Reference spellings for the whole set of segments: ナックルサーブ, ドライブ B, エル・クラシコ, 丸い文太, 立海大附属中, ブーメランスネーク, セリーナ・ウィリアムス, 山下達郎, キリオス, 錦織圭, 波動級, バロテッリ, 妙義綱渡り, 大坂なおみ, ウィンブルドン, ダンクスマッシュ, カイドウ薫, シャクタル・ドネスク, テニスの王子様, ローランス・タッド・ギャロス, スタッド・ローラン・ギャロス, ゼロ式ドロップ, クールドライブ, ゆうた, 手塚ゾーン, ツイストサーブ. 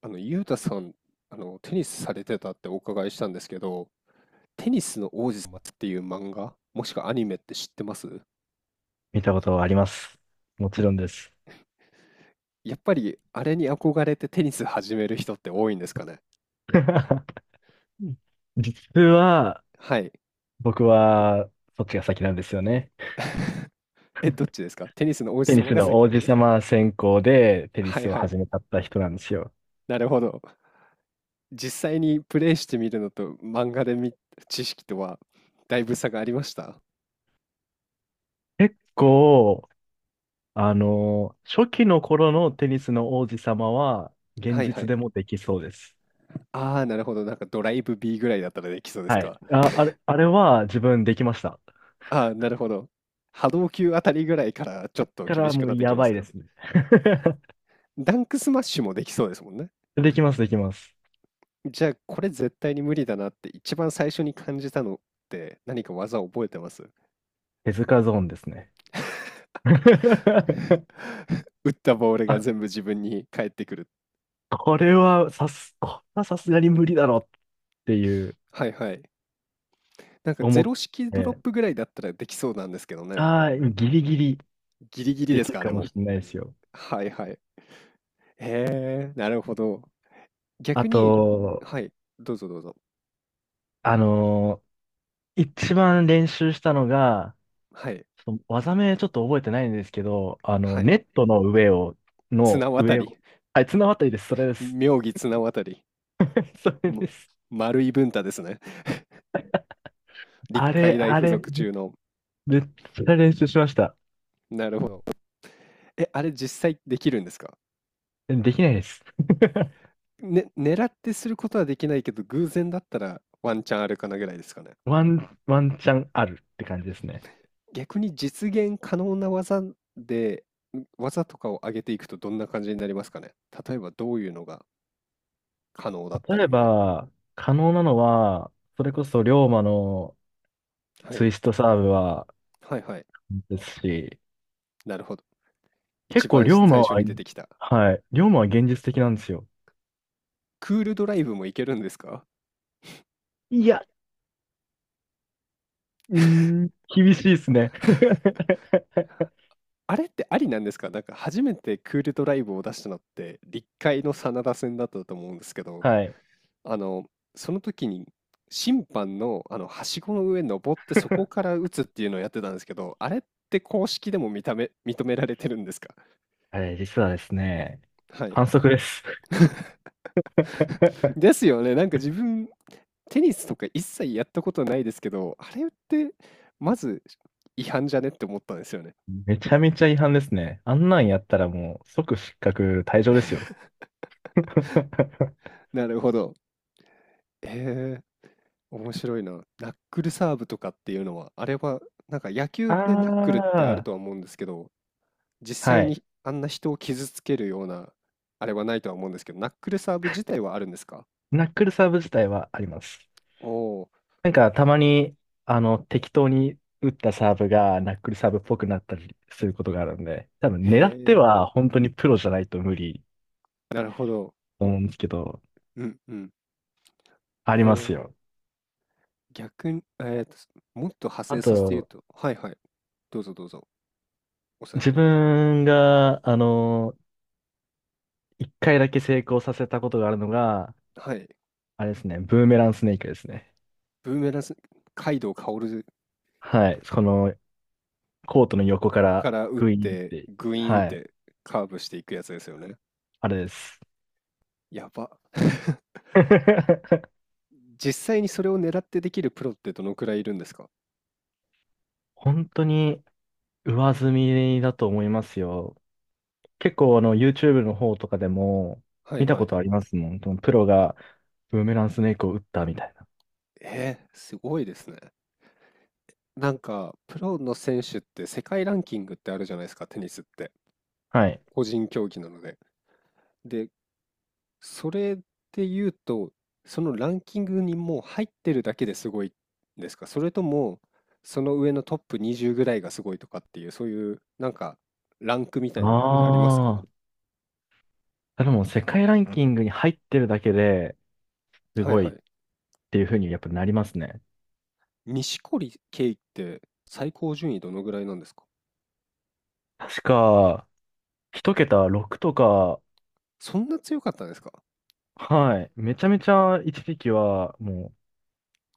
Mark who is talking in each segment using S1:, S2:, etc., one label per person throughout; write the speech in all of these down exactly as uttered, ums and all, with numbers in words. S1: あの、ゆうたさん、あの、テニスされてたってお伺いしたんですけど、テニスの王子様っていう漫画、もしくはアニメって知ってます？
S2: 見たことはあります。もちろんです。
S1: やっぱり、あれに憧れてテニス始める人って多いんですかね。
S2: 実は、
S1: はい。
S2: 僕は、そっちが先なんですよね。
S1: え、どっちですか？テニスの王子
S2: テニ
S1: 様
S2: ス
S1: が
S2: の
S1: 先？
S2: 王子様専攻でテニ
S1: はい
S2: スを
S1: はい。
S2: 始めたった人なんですよ。
S1: なるほど。実際にプレイしてみるのと漫画で見、知識とはだいぶ差がありました？
S2: 結構、あの、初期の頃のテニスの王子様は、現
S1: はいは
S2: 実
S1: い。
S2: でもできそうです。
S1: ああ、なるほど。なんかドライブ B ぐらいだったらできそうです
S2: はい。
S1: か？
S2: あ、あれ、あれは自分できました。
S1: ああ、なるほど。波動級あたりぐらいからちょっと
S2: だか
S1: 厳
S2: ら
S1: しく
S2: もう
S1: なってき
S2: や
S1: ま
S2: ば
S1: す
S2: い
S1: か。
S2: ですね。
S1: ダンクスマッシュもできそうですもんね。
S2: できます、できます。
S1: じゃあ、これ絶対に無理だなって一番最初に感じたのって何か技を覚えてます？
S2: 手塚ゾーンですね。
S1: 打ったボール
S2: ア
S1: が全部自分に返ってくる。
S2: これはさす、これはさすがに無理だろっていう
S1: はいはい。なんかゼ
S2: 思っ
S1: ロ式ドロッ
S2: て、
S1: プぐらいだったらできそうなんですけどね。
S2: ああ、ギリギリ
S1: ギリギリ
S2: で
S1: で
S2: き
S1: す
S2: る
S1: か、あ
S2: か
S1: れ
S2: も
S1: も。
S2: しれないですよ。
S1: はいはい。へえ、なるほど。
S2: あ
S1: 逆に、
S2: と、
S1: はい、どうぞどうぞ。
S2: あのー一番練習したのが、
S1: はい、
S2: ちょっと技名ちょっと覚えてないんですけど、あの、
S1: は
S2: ネ
S1: い。
S2: ットの上を、
S1: 綱
S2: の
S1: 渡
S2: 上
S1: り。
S2: を、はい、綱渡りです、それです。
S1: 妙義綱渡り。
S2: それ
S1: も
S2: です。
S1: 丸い文太ですね。立
S2: あれ、
S1: 海大
S2: あ
S1: 附
S2: れ、
S1: 属
S2: め
S1: 中の。
S2: めっちゃ練習しました。
S1: なるほど。え、あれ実際できるんですか？
S2: できないです。
S1: ね、狙ってすることはできないけど、偶然だったらワンチャンあるかなぐらいですかね。
S2: ワン、ワンチャンあるって感じですね。
S1: 逆に実現可能な技で、ん技とかを上げていくとどんな感じになりますかね。例えばどういうのが可能だったり
S2: 例え
S1: みたい
S2: ば、可能なのは、それこそ龍馬の
S1: な。は
S2: ツ
S1: い。
S2: イストサーブは
S1: はいはい。
S2: ですし、
S1: なるほど。
S2: 結
S1: 一
S2: 構
S1: 番
S2: 龍馬
S1: 最初
S2: は、
S1: に出てきた。
S2: はい、龍馬は現実的なんですよ。
S1: クールドライブもいけるんですか？
S2: いや、うーん、厳しいですね。
S1: あれってありなんですか？なんか初めてクールドライブを出したのって、立海の真田戦だったと思うんですけど、
S2: はい。
S1: あの、その時に審判の、あの、はしごの上に登ってそこから打つっていうのをやってたんですけど、あれって公式でも認め認められてるんですか？
S2: あれ、実はですね、
S1: はい。
S2: 反則です。
S1: ですよね。なんか自分、テニスとか一切やったことないですけど、あれってまず違反じゃねって思ったんですよね。
S2: めちゃめちゃ違反ですね。あんなんやったらもう即失格退場ですよ。
S1: なるほど。へえ。面白いな。ナックルサーブとかっていうのは、あれは、なんか野
S2: あ
S1: 球でナックルってある
S2: あ、
S1: とは思うんですけど、実
S2: は
S1: 際
S2: い。
S1: にあんな人を傷つけるような、あれはないとは思うんですけど、ナックルサーブ自体はあるんですか？
S2: ナックルサーブ自体はあります。
S1: おお
S2: なんかたまに、あの、適当に打ったサーブがナックルサーブっぽくなったりすることがあるんで、多分
S1: ー、へ
S2: 狙って
S1: え、
S2: は本当にプロじゃないと無理
S1: なるほど。
S2: と思うんですけど、
S1: うんうん。
S2: あり
S1: へ
S2: ます
S1: え、
S2: よ。
S1: 逆に、えーと、すもっと派
S2: あ
S1: 生させて言う
S2: と、
S1: と、はいはい。どうぞどうぞ、お
S2: 自
S1: 先に。
S2: 分が、あの、一回だけ成功させたことがあるのが、
S1: はい。
S2: あれですね、ブーメランスネークですね。
S1: ブーメラン、カイドウ薫
S2: はい。このコートの横から
S1: から打っ
S2: グイーンっ
S1: て、
S2: て、
S1: グイーンっ
S2: はい。
S1: てカーブしていくやつですよね。
S2: あれです。
S1: やば。実際にそれを狙ってできるプロってどのくらいいるんですか？
S2: 本当に上積みだと思いますよ。結構あの YouTube の方とかでも
S1: は
S2: 見
S1: い
S2: た
S1: は
S2: こ
S1: い。
S2: とありますもん。そのプロがブーメランスネークを打ったみたいな。
S1: えー、すごいですね。なんか、プロの選手って世界ランキングってあるじゃないですか、テニスって。
S2: はい。
S1: 個人競技なので。で、それで言うと、そのランキングにもう入ってるだけですごいんですか？それとも、その上のトップにじゅうぐらいがすごいとかっていう、そういう、なんか、ランクみたいなのってありますか？
S2: ああ。でも世界ランキングに入ってるだけです
S1: はい
S2: ごい
S1: はい。
S2: っていうふうにやっぱなりますね。
S1: 錦織圭って最高順位どのぐらいなんですか？
S2: 確か、一桁ろくとか、
S1: そんな強かったんですか？
S2: はい。めちゃめちゃ一時期はもう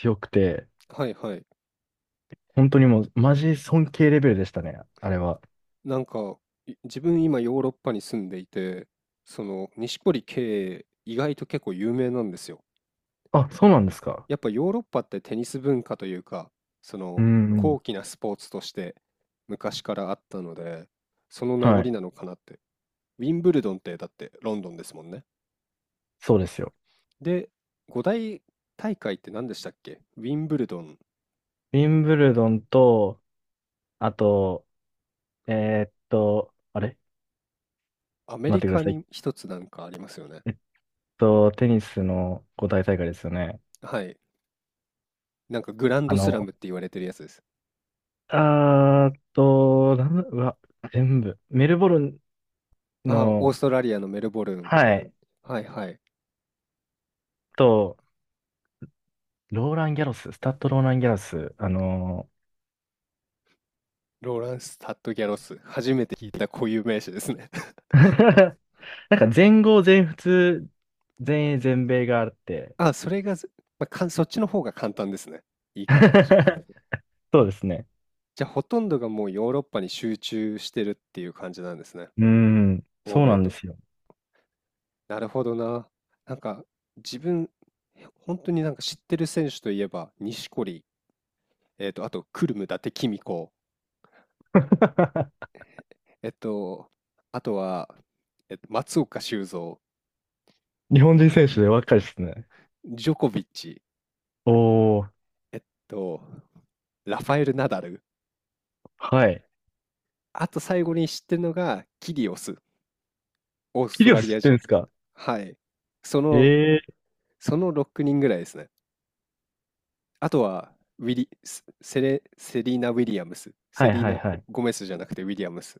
S2: 強くて、
S1: はいはい。
S2: 本当にもうマジ尊敬レベルでしたね。あれは。
S1: なんか、い自分今ヨーロッパに住んでいて、その、錦織圭意外と結構有名なんですよ。
S2: あ、そうなんですか。
S1: やっぱヨーロッパってテニス文化というか、そ
S2: う
S1: の、
S2: んうん。
S1: 高貴なスポーツとして昔からあったので、その名
S2: は
S1: 残
S2: い。
S1: なのかなって。ウィンブルドンってだってロンドンですもんね。
S2: そうですよ。
S1: で、五大大会って何でしたっけ？ウィンブルドン、
S2: ウィンブルドンと、あと、えーっと、あれ
S1: アメ
S2: 待っ
S1: リ
S2: てくだ
S1: カ
S2: さ
S1: に
S2: い。
S1: 一つなんかありますよね。
S2: えっと、テニスの五大大会ですよね。
S1: はい。なんかグラン
S2: あ
S1: ドスラ
S2: の、
S1: ムって言われてるやつです。
S2: あーっと、なんだ、うわ、全部。メルボルン
S1: あ、オース
S2: の、
S1: トラリアのメルボルン。
S2: はい、
S1: はいはい。
S2: と、ローラン・ギャロス、スタッド・ローラン・ギャロス、あの
S1: ローランス・タッド・ギャロス。初めて聞いた固有名詞ですね。
S2: なんか全豪、全仏、全英、全米があって。
S1: あ、それがず、まあ、かん、そっちの方が簡単ですね。言い方として。
S2: そうですね。
S1: じゃあ、ほとんどがもうヨーロッパに集中してるっていう感じなんですね。
S2: うーん、
S1: 欧
S2: そうな
S1: 米
S2: んで
S1: と。
S2: すよ。
S1: なるほどな。なんか、自分、本当になんか知ってる選手といえば、錦織、えっと、あと、クルム、伊達公子、えっと、あとは、えっと、松岡修造、
S2: 日本人選手で若いですね。
S1: ジョコビッチ、
S2: おー、
S1: えっと、ラファエル・ナダル、
S2: はい。
S1: あと最後に知ってるのがキリオス、オース
S2: キ
S1: ト
S2: リオ
S1: ラ
S2: ス
S1: リ
S2: 知
S1: ア
S2: って
S1: 人。
S2: るんですか
S1: はい。その、
S2: え
S1: そのろくにんぐらいですね。あとは、ウィリ、セセレ、セリーナ・ウィリアムス、
S2: は
S1: セ
S2: い
S1: リー
S2: はい
S1: ナ・
S2: はい。
S1: ゴメスじゃなくてウィリアムス。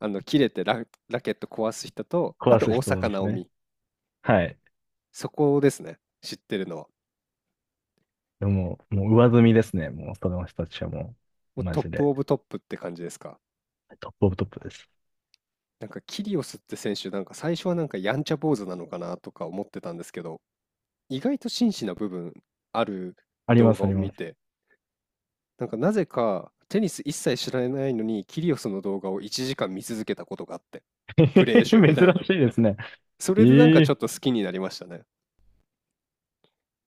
S1: あ の、切れてラ、ラケット壊す人と、あ
S2: 壊
S1: と
S2: す
S1: 大
S2: 人
S1: 坂
S2: で
S1: な
S2: す
S1: お
S2: ね。
S1: み。
S2: はい。
S1: そこですね。知ってるのは。
S2: でも、もう上積みですね。もう、その人たちはも
S1: も
S2: う、
S1: う
S2: マ
S1: トッ
S2: ジ
S1: プ
S2: で、
S1: オブトップって感じですか？
S2: トップオブトップです。
S1: なんかキリオスって選手、なんか最初はなんかやんちゃ坊主なのかなとか思ってたんですけど、意外と真摯な部分ある？
S2: ありま
S1: 動
S2: す
S1: 画
S2: あ
S1: を
S2: り
S1: 見
S2: ます。
S1: て、なんかなぜかテニス一切知らないのにキリオスの動画をいちじかん見続けたことがあって、プレー集み
S2: 珍
S1: たいなの。
S2: しいですね。
S1: それでなん
S2: え
S1: かちょ
S2: え
S1: っと好きになりましたね。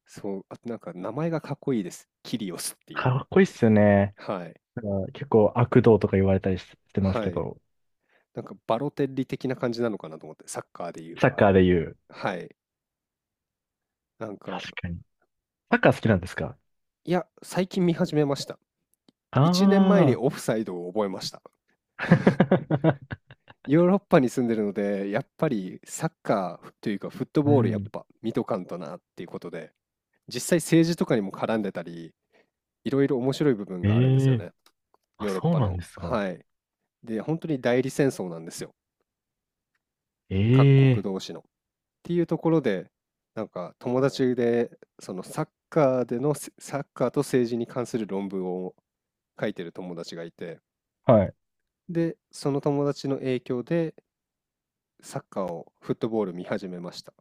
S1: そう、あとなんか名前がかっこいいです。キリオスっていう。
S2: かっこいいっすよね。
S1: はい。
S2: なんか結構悪道とか言われたりししてます
S1: は
S2: け
S1: い。
S2: ど、
S1: なんかバロテッリ的な感じなのかなと思って、サッカーでいう。
S2: サッカーで言う。
S1: はい。なんか、
S2: 確かに。サッカー好きなんですか
S1: いや、最近見始めました。いちねんまえに
S2: ああ
S1: オフサイドを覚えました。
S2: ー。
S1: ヨーロッパに住んでるので、やっぱりサッカーというかフット
S2: う
S1: ボールやっ
S2: ん。
S1: ぱ見とかんとなっていうことで、実際政治とかにも絡んでたり、いろいろ面白い部分があるんです
S2: え
S1: よ
S2: え
S1: ね。
S2: あ、
S1: ヨーロッ
S2: そう
S1: パ
S2: なん
S1: の。
S2: ですか。
S1: はい。で、本当に代理戦争なんですよ。各国
S2: ええ
S1: 同士の。っていうところで、なんか友達で、そのサッカーでのせ、サッカーと政治に関する論文を書いてる友達がいて、
S2: はい。
S1: で、その友達の影響でサッカーを、フットボール見始めました。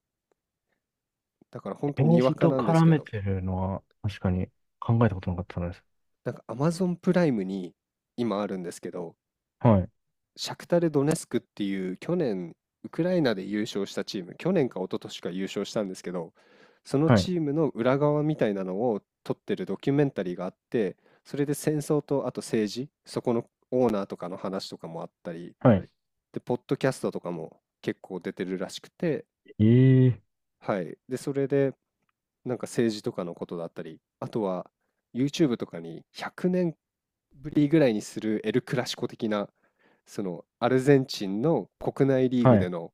S1: だから本当に
S2: 政
S1: わ
S2: 治
S1: か
S2: と
S1: なんです
S2: 絡
S1: け
S2: め
S1: ど、
S2: てるのは確かに考えたことなかったです。
S1: なんか Amazon プライムに今あるんですけど、
S2: はい。
S1: シャクタル・ドネスクっていう去年ウクライナで優勝したチーム、去年か一昨年か優勝したんですけど、その
S2: はい。
S1: チームの裏側みたいなのを撮ってるドキュメンタリーがあって、それで戦争とあと政治、そこのオーナーとかの話とかもあったり、
S2: はい。
S1: で、ポッドキャストとかも結構出てるらしくて、
S2: ええ
S1: はい。で、それでなんか政治とかのことだったり、あとは YouTube とかにひゃくねんぶりぐらいにするエル・クラシコ的な、そのアルゼンチンの国内リー
S2: は
S1: グで
S2: い。
S1: の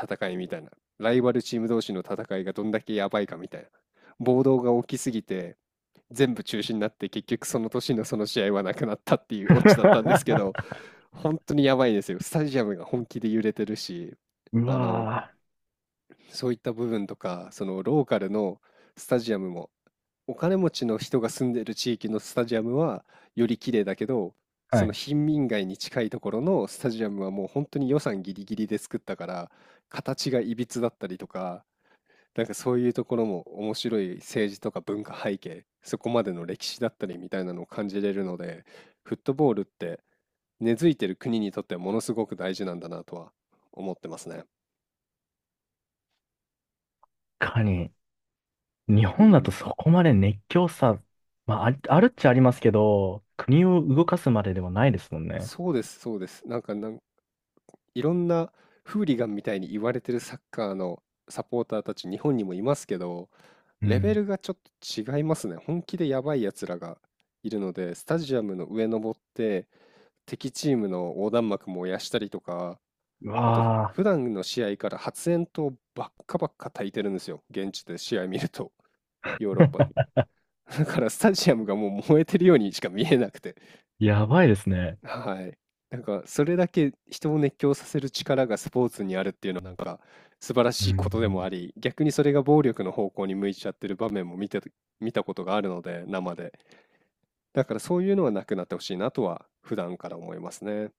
S1: 戦いみたいな、ライバルチーム同士の戦いがどんだけやばいかみたいな、暴動が起きすぎて全部中止になって結局その年のその試合はなくなったっていうオチだったんですけど、本当にやばいですよ。スタジアムが本気で揺れてるし、
S2: う
S1: あの、
S2: わ
S1: そういった部分とか、そのローカルのスタジアムもお金持ちの人が住んでる地域のスタジアムはより綺麗だけど、
S2: ぁは
S1: そ
S2: い。
S1: の
S2: ー。
S1: 貧民街に近いところのスタジアムはもう本当に予算ギリギリで作ったから、形がいびつだったりとか、なんかそういうところも面白い政治とか文化背景、そこまでの歴史だったりみたいなのを感じれるので、フットボールって根付いてる国にとってはものすごく大事なんだなとは思ってますね。
S2: 確かに。日
S1: う
S2: 本だと
S1: ん、
S2: そこまで熱狂さ、まあ、ありあるっちゃありますけど、国を動かすまでではないですもんね。
S1: そうです、そうです。なんかなんいろんなフーリガンみたいに言われてるサッカーのサポーターたち日本にもいますけど、
S2: う
S1: レベ
S2: ん。
S1: ルがちょっと違いますね。本気でやばいやつらがいるので、スタジアムの上登って敵チームの横断幕燃やしたりとか、
S2: う
S1: あとふ
S2: わ
S1: 普段の試合から発煙筒ばっかばっか焚いてるんですよ。現地で試合見ると、ヨーロッパで。
S2: ー。
S1: だからスタジアムがもう燃えてるようにしか見えなくて。
S2: やばいですね。
S1: はい。なんか、それだけ人を熱狂させる力がスポーツにあるっていうのは、なんか、素晴ら
S2: う
S1: しいこ
S2: ん。
S1: とでもあり、逆にそれが暴力の方向に向いちゃってる場面も見てた、見たことがあるので、生で。だからそういうのはなくなってほしいなとは、普段から思いますね。